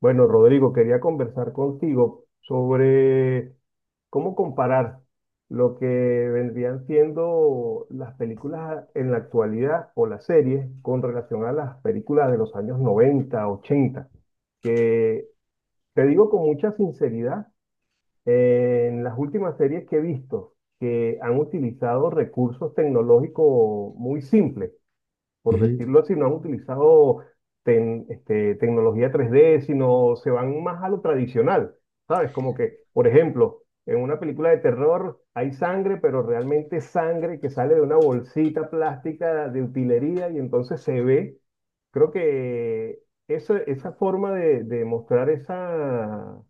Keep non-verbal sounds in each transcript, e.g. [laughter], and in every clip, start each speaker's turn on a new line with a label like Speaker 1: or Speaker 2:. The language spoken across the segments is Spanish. Speaker 1: Bueno, Rodrigo, quería conversar contigo sobre cómo comparar lo que vendrían siendo las películas en la actualidad o las series con relación a las películas de los años 90, ochenta, que te digo con mucha sinceridad, en las últimas series que he visto que han utilizado recursos tecnológicos muy simples, por
Speaker 2: Ujú.
Speaker 1: decirlo así, no han utilizado tecnología 3D, sino se van más a lo tradicional, ¿sabes? Como que, por ejemplo, en una película de terror hay sangre, pero realmente sangre que sale de una bolsita plástica de utilería y entonces se ve. Creo que esa forma de mostrar esa,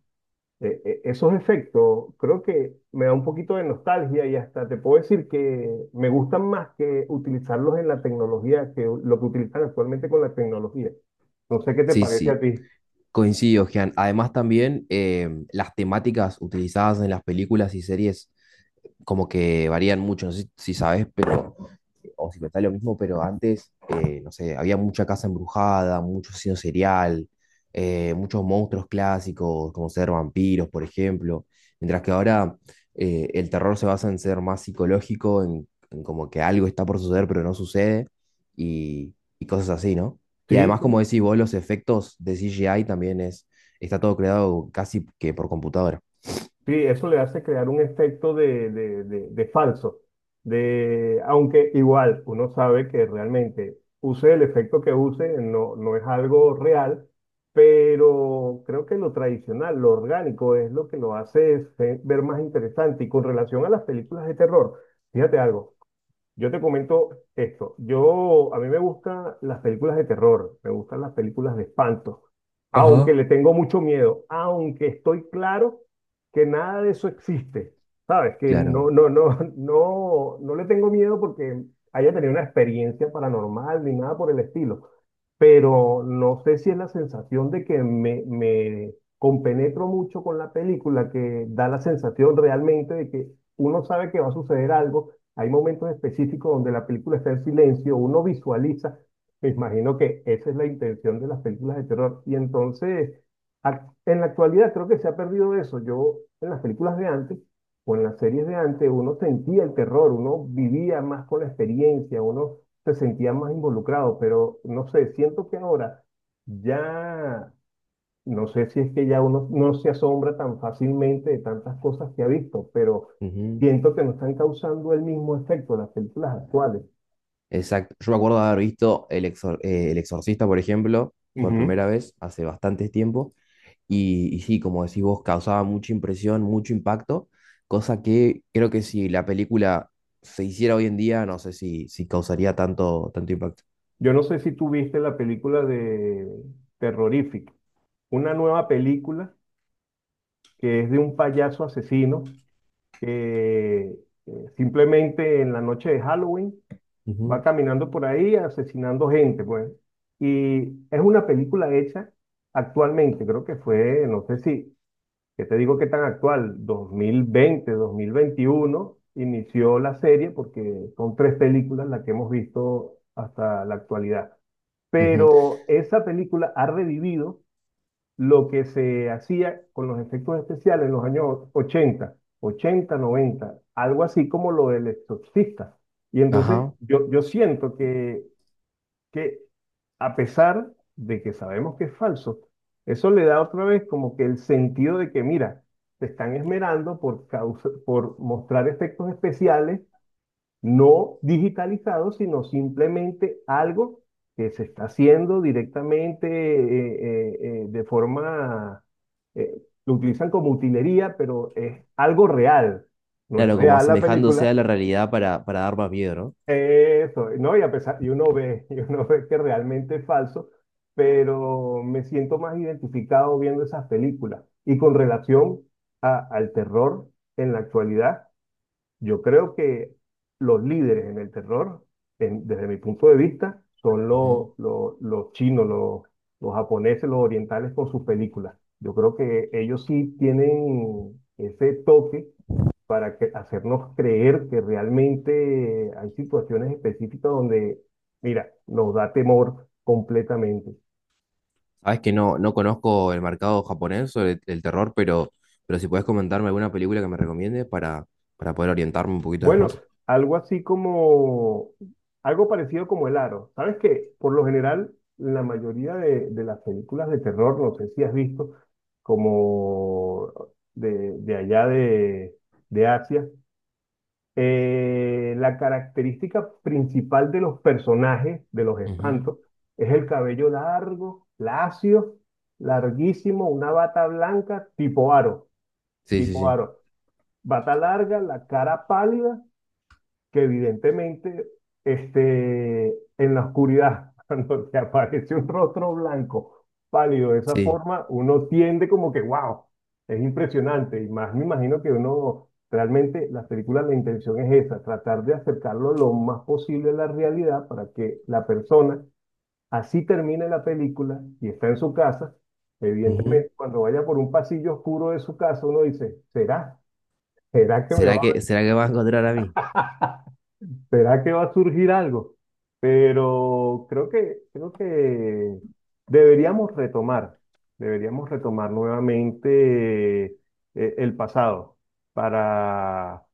Speaker 1: esos efectos creo que me da un poquito de nostalgia y hasta te puedo decir que me gustan más que utilizarlos en la tecnología que lo que utilizan actualmente con la tecnología. No sé qué te
Speaker 2: Sí,
Speaker 1: parece a
Speaker 2: sí,
Speaker 1: ti.
Speaker 2: coincido, Gian. Además también las temáticas utilizadas en las películas y series como que varían mucho, no sé si sabes, pero, o si te está lo mismo, pero antes, no sé, había mucha casa embrujada, mucho asesino serial, muchos monstruos clásicos, como ser vampiros, por ejemplo, mientras que ahora el terror se basa en ser más psicológico, en como que algo está por suceder, pero no sucede, y cosas así, ¿no? Y
Speaker 1: Sí,
Speaker 2: además,
Speaker 1: sí.
Speaker 2: como decís vos, los efectos de CGI también es, está todo creado casi que por computadora.
Speaker 1: Sí, eso le hace crear un efecto de, de falso, de, aunque igual uno sabe que realmente use el efecto que use, no es algo real, pero creo que lo tradicional, lo orgánico es lo que lo hace ver más interesante. Y con relación a las películas de terror, fíjate algo, yo te comento esto. A mí me gustan las películas de terror, me gustan las películas de espanto, aunque
Speaker 2: Ajá.
Speaker 1: le tengo mucho miedo, aunque estoy claro que nada de eso existe, ¿sabes? Que
Speaker 2: Claro.
Speaker 1: [laughs] no, no le tengo miedo porque haya tenido una experiencia paranormal ni nada por el estilo, pero no sé si es la sensación de que me compenetro mucho con la película, que da la sensación realmente de que uno sabe que va a suceder algo. Hay momentos específicos donde la película está en silencio, uno visualiza. Me imagino que esa es la intención de las películas de terror. Y entonces, en la actualidad creo que se ha perdido eso. Yo, en las películas de antes, o en las series de antes, uno sentía el terror, uno vivía más con la experiencia, uno se sentía más involucrado, pero no sé, siento que ahora ya, no sé si es que ya uno no se asombra tan fácilmente de tantas cosas que ha visto, pero
Speaker 2: Ujú.
Speaker 1: siento que no están causando el mismo efecto las películas actuales.
Speaker 2: Exacto. Yo me acuerdo de haber visto El Exorcista, por ejemplo, por
Speaker 1: Ujú.
Speaker 2: primera vez hace bastante tiempo. Y sí, como decís vos, causaba mucha impresión, mucho impacto. Cosa que creo que si la película se hiciera hoy en día, no sé si causaría tanto impacto.
Speaker 1: Yo no sé si tú viste la película de Terrorífico, una nueva película que es de un payaso asesino que simplemente en la noche de Halloween va
Speaker 2: Ujú,
Speaker 1: caminando por ahí asesinando gente, pues. Y es una película hecha actualmente, creo que fue, no sé si, que te digo que tan actual, 2020, 2021, inició la serie porque son tres películas las que hemos visto hasta la actualidad.
Speaker 2: ujú.
Speaker 1: Pero esa película ha revivido lo que se hacía con los efectos especiales en los años 80, 80, 90, algo así como lo del exorcista. Y entonces
Speaker 2: Ajá.
Speaker 1: yo siento que a pesar de que sabemos que es falso, eso le da otra vez como que el sentido de que, mira, te están esmerando por por mostrar efectos especiales no digitalizado, sino simplemente algo que se está haciendo directamente de forma, lo utilizan como utilería, pero es algo real, no es
Speaker 2: Claro, como
Speaker 1: real la
Speaker 2: asemejándose
Speaker 1: película,
Speaker 2: a la realidad para dar más miedo, ¿no?
Speaker 1: eso, ¿no? Y a pesar, y uno ve, [laughs] y uno ve que realmente es falso, pero me siento más identificado viendo esas películas. Y con relación al terror en la actualidad, yo creo que los líderes en el terror, desde mi punto de vista, son
Speaker 2: Ujú.
Speaker 1: los chinos, los japoneses, los orientales con sus películas. Yo creo que ellos sí tienen ese toque para hacernos creer que realmente hay situaciones específicas donde, mira, nos da temor completamente.
Speaker 2: Sabes que no, no conozco el mercado japonés sobre el terror, pero si puedes comentarme alguna película que me recomiendes para poder orientarme un poquito después.
Speaker 1: Bueno, algo así como, algo parecido como El Aro. ¿Sabes qué? Por lo general, la mayoría de las películas de terror, no sé si has visto, como de allá de Asia, la característica principal de los personajes, de los
Speaker 2: Ujú.
Speaker 1: espantos, es el cabello largo, lacio, larguísimo, una bata blanca, tipo aro,
Speaker 2: Sí, sí,
Speaker 1: tipo
Speaker 2: sí.
Speaker 1: aro. Bata larga, la cara pálida que evidentemente este, en la oscuridad, [laughs] cuando te aparece un rostro blanco, pálido de esa
Speaker 2: Sí.
Speaker 1: forma, uno tiende como que, wow, es impresionante. Y más me imagino que uno, realmente las películas, la intención es esa, tratar de acercarlo lo más posible a la realidad para que la persona, así termine la película y está en su casa,
Speaker 2: Ujú.
Speaker 1: evidentemente cuando vaya por un pasillo oscuro de su casa, uno dice, ¿será? ¿Será que me va
Speaker 2: Será que va a encontrar a mí?
Speaker 1: ¿Será que va a surgir algo? Pero creo que deberíamos retomar, deberíamos retomar nuevamente el pasado para,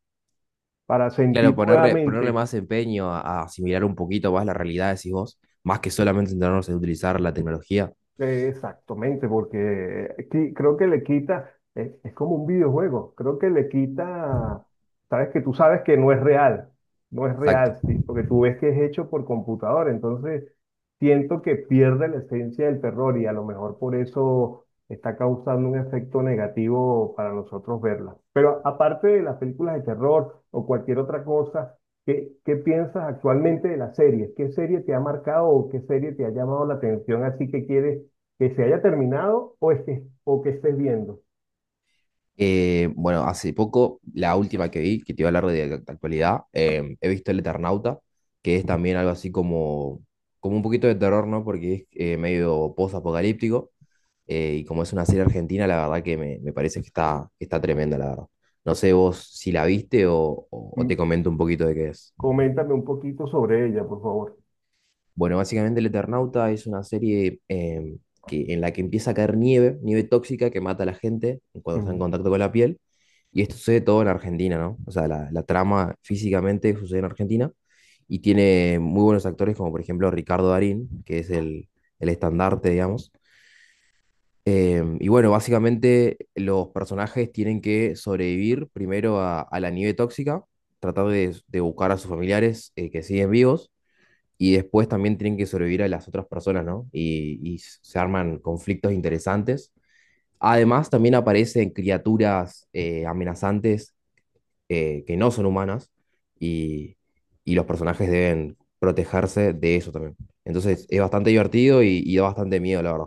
Speaker 1: para
Speaker 2: Claro,
Speaker 1: sentir
Speaker 2: ponerle, ponerle
Speaker 1: nuevamente.
Speaker 2: más empeño a asimilar un poquito más la realidad, decís vos, más que solamente centrarnos en utilizar la tecnología.
Speaker 1: Exactamente, porque creo que le quita, es como un videojuego, creo que le quita, sabes que tú sabes que no es real, no es
Speaker 2: Exacto.
Speaker 1: real, sí, porque tú ves que es hecho por computador, entonces siento que pierde la esencia del terror y a lo mejor por eso está causando un efecto negativo para nosotros verla. Pero aparte de las películas de terror o cualquier otra cosa, qué piensas actualmente de las series? ¿Qué serie te ha marcado o qué serie te ha llamado la atención así que quieres? Que se haya terminado o, es que, o que estés viendo.
Speaker 2: Bueno, hace poco, la última que vi, que te iba a hablar de actualidad, he visto El Eternauta, que es también algo así como, como un poquito de terror, ¿no? Porque es medio post-apocalíptico. Y como es una serie argentina, la verdad que me parece que está tremenda, la verdad. No sé vos si la viste o, o te
Speaker 1: Mm,
Speaker 2: comento un poquito de qué es.
Speaker 1: coméntame un poquito sobre ella, por favor.
Speaker 2: Bueno, básicamente El Eternauta es una serie que, en la que empieza a caer nieve, nieve tóxica que mata a la gente cuando está en
Speaker 1: Ujú.
Speaker 2: contacto con la piel. Y esto sucede todo en Argentina, ¿no? O sea, la trama físicamente sucede en Argentina y tiene muy buenos actores como por ejemplo Ricardo Darín, que es el estandarte, digamos. Em, y bueno, básicamente los personajes tienen que sobrevivir primero a la nieve tóxica, tratar de buscar a sus familiares que siguen vivos, y después también tienen que sobrevivir a las otras personas, ¿no? Y se arman conflictos interesantes. Además, también aparecen criaturas amenazantes que no son humanas, y, y los personajes deben protegerse de eso también. Entonces, es bastante divertido y da bastante miedo, la verdad.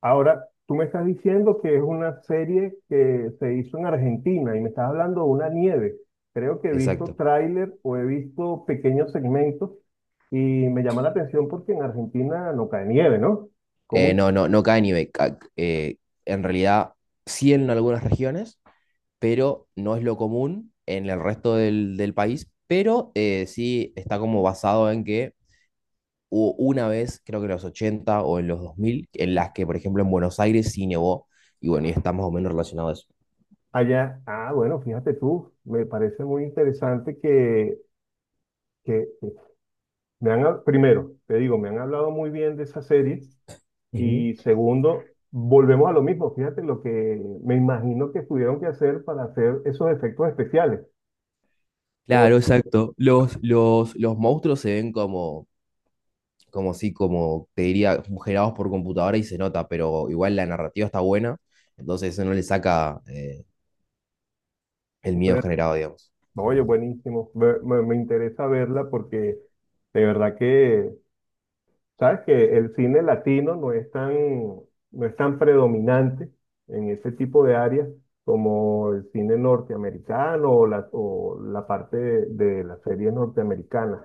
Speaker 1: Ahora, tú me estás diciendo que es una serie que se hizo en Argentina y me estás hablando de una nieve. Creo que he visto
Speaker 2: Exacto.
Speaker 1: tráiler o he visto pequeños segmentos y me llama la atención porque en Argentina no cae nieve, ¿no? ¿Cómo
Speaker 2: No, no, no cae nieve. En realidad, sí en algunas regiones, pero no es lo común en el resto del, del país. Pero sí está como basado en que hubo una vez, creo que en los 80 o en los 2000 en las que, por ejemplo, en Buenos Aires sí nevó. Y bueno, y está más o menos relacionado a eso.
Speaker 1: allá? Ah, bueno, fíjate tú, me parece muy interesante que me han, primero, te digo, me han hablado muy bien de esa serie.
Speaker 2: Ujú.
Speaker 1: Y segundo, volvemos a lo mismo. Fíjate lo que me imagino que tuvieron que hacer para hacer esos efectos especiales. Por,
Speaker 2: Claro, exacto. Los monstruos se ven como, como sí, como te diría, generados por computadora y se nota, pero igual la narrativa está buena, entonces eso no le saca el miedo generado, digamos.
Speaker 1: oye, buenísimo. Me interesa verla porque de verdad que, sabes que el cine latino no es tan, no es tan predominante en ese tipo de áreas como el cine norteamericano o la parte de las series norteamericanas.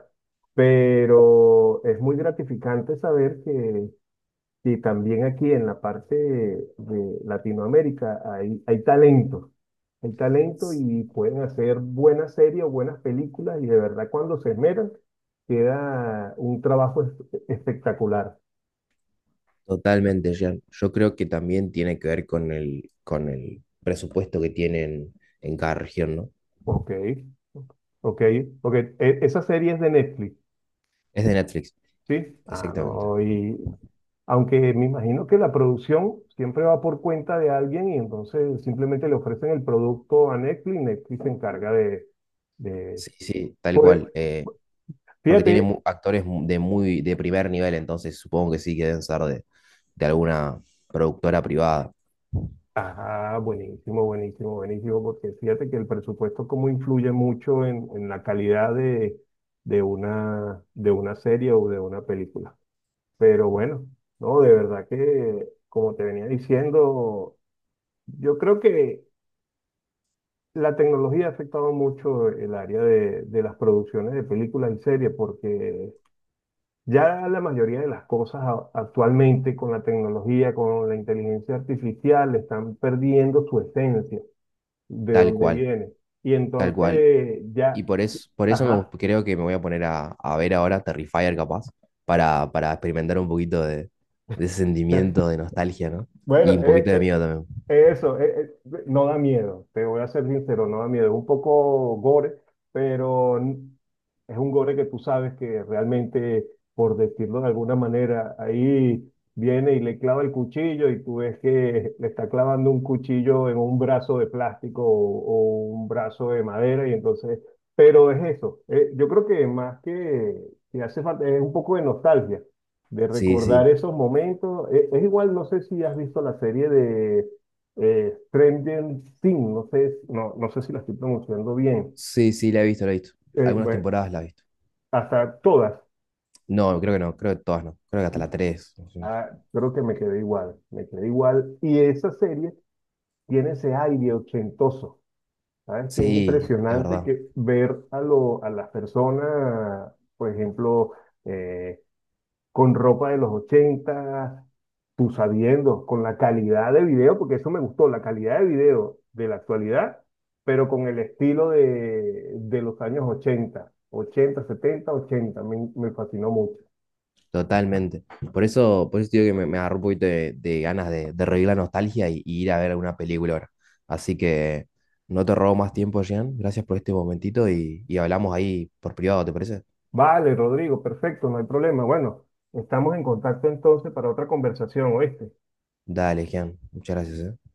Speaker 1: Pero es muy gratificante saber que y también aquí en la parte de Latinoamérica hay, hay talento y pueden hacer buenas series o buenas películas y de verdad cuando se esmeran queda un trabajo espectacular.
Speaker 2: Totalmente, Jean. Yo creo que también tiene que ver con el presupuesto que tienen en cada región, ¿no?
Speaker 1: Ok, ok, ok. Esa serie es de Netflix,
Speaker 2: Es de Netflix,
Speaker 1: ¿sí? Ah,
Speaker 2: exactamente.
Speaker 1: no, y aunque me imagino que la producción siempre va por cuenta de alguien y entonces simplemente le ofrecen el producto a Netflix, Netflix se encarga de
Speaker 2: Sí, sí, tal
Speaker 1: por, e-
Speaker 2: cual. Porque tiene
Speaker 1: fíjate,
Speaker 2: actores de muy de primer nivel, entonces supongo que sí que deben ser de alguna productora privada.
Speaker 1: ah, buenísimo, buenísimo, buenísimo, porque fíjate que el presupuesto como influye mucho en la calidad de una serie o de una película. Pero bueno, no, de verdad que, como te venía diciendo, yo creo que la tecnología ha afectado mucho el área de las producciones de películas y series, porque ya la mayoría de las cosas actualmente con la tecnología, con la inteligencia artificial, están perdiendo su esencia. De
Speaker 2: Tal
Speaker 1: dónde
Speaker 2: cual,
Speaker 1: viene. Y
Speaker 2: tal cual.
Speaker 1: entonces
Speaker 2: Y
Speaker 1: ya,
Speaker 2: por eso me,
Speaker 1: ajá.
Speaker 2: creo que me voy a poner a ver ahora Terrifier capaz, para experimentar un poquito de ese sentimiento
Speaker 1: [laughs]
Speaker 2: de nostalgia, ¿no?
Speaker 1: Bueno,
Speaker 2: Y un poquito de miedo también.
Speaker 1: eso, no da miedo, te voy a ser sincero, no da miedo. Es un poco gore, pero es un gore que tú sabes que realmente, por decirlo de alguna manera, ahí viene y le clava el cuchillo y tú ves que le está clavando un cuchillo en un brazo de plástico o un brazo de madera y entonces, pero es eso. Yo creo que más que hace falta, es un poco de nostalgia, de
Speaker 2: Sí,
Speaker 1: recordar
Speaker 2: sí,
Speaker 1: esos momentos. Es igual, no sé si has visto la serie de Trending Thing, no sé, no sé si la estoy pronunciando bien.
Speaker 2: sí, sí, la he visto, la he visto. Algunas
Speaker 1: Bueno,
Speaker 2: temporadas la he visto.
Speaker 1: hasta todas,
Speaker 2: No, creo que no, creo que todas no. Creo que hasta la 3.
Speaker 1: ah, creo que me quedé igual, me quedé igual. Y esa serie tiene ese aire ochentoso, ¿sabes? Que es
Speaker 2: Sí, es
Speaker 1: impresionante
Speaker 2: verdad.
Speaker 1: que ver a, lo, a las personas, por ejemplo, eh, con ropa de los 80, tú sabiendo, con la calidad de video, porque eso me gustó, la calidad de video de la actualidad, pero con el estilo de los años 80, 80, 70, 80, me fascinó mucho.
Speaker 2: Totalmente. Por eso te digo que me agarró un poquito de ganas de revivir la nostalgia y ir a ver alguna película ahora. Así que no te robo más tiempo, Jean. Gracias por este momentito y hablamos ahí por privado, ¿te parece?
Speaker 1: Vale, Rodrigo, perfecto, no hay problema. Bueno, estamos en contacto entonces para otra conversación, ¿oíste?
Speaker 2: Dale, Jean. Muchas gracias, ¿eh?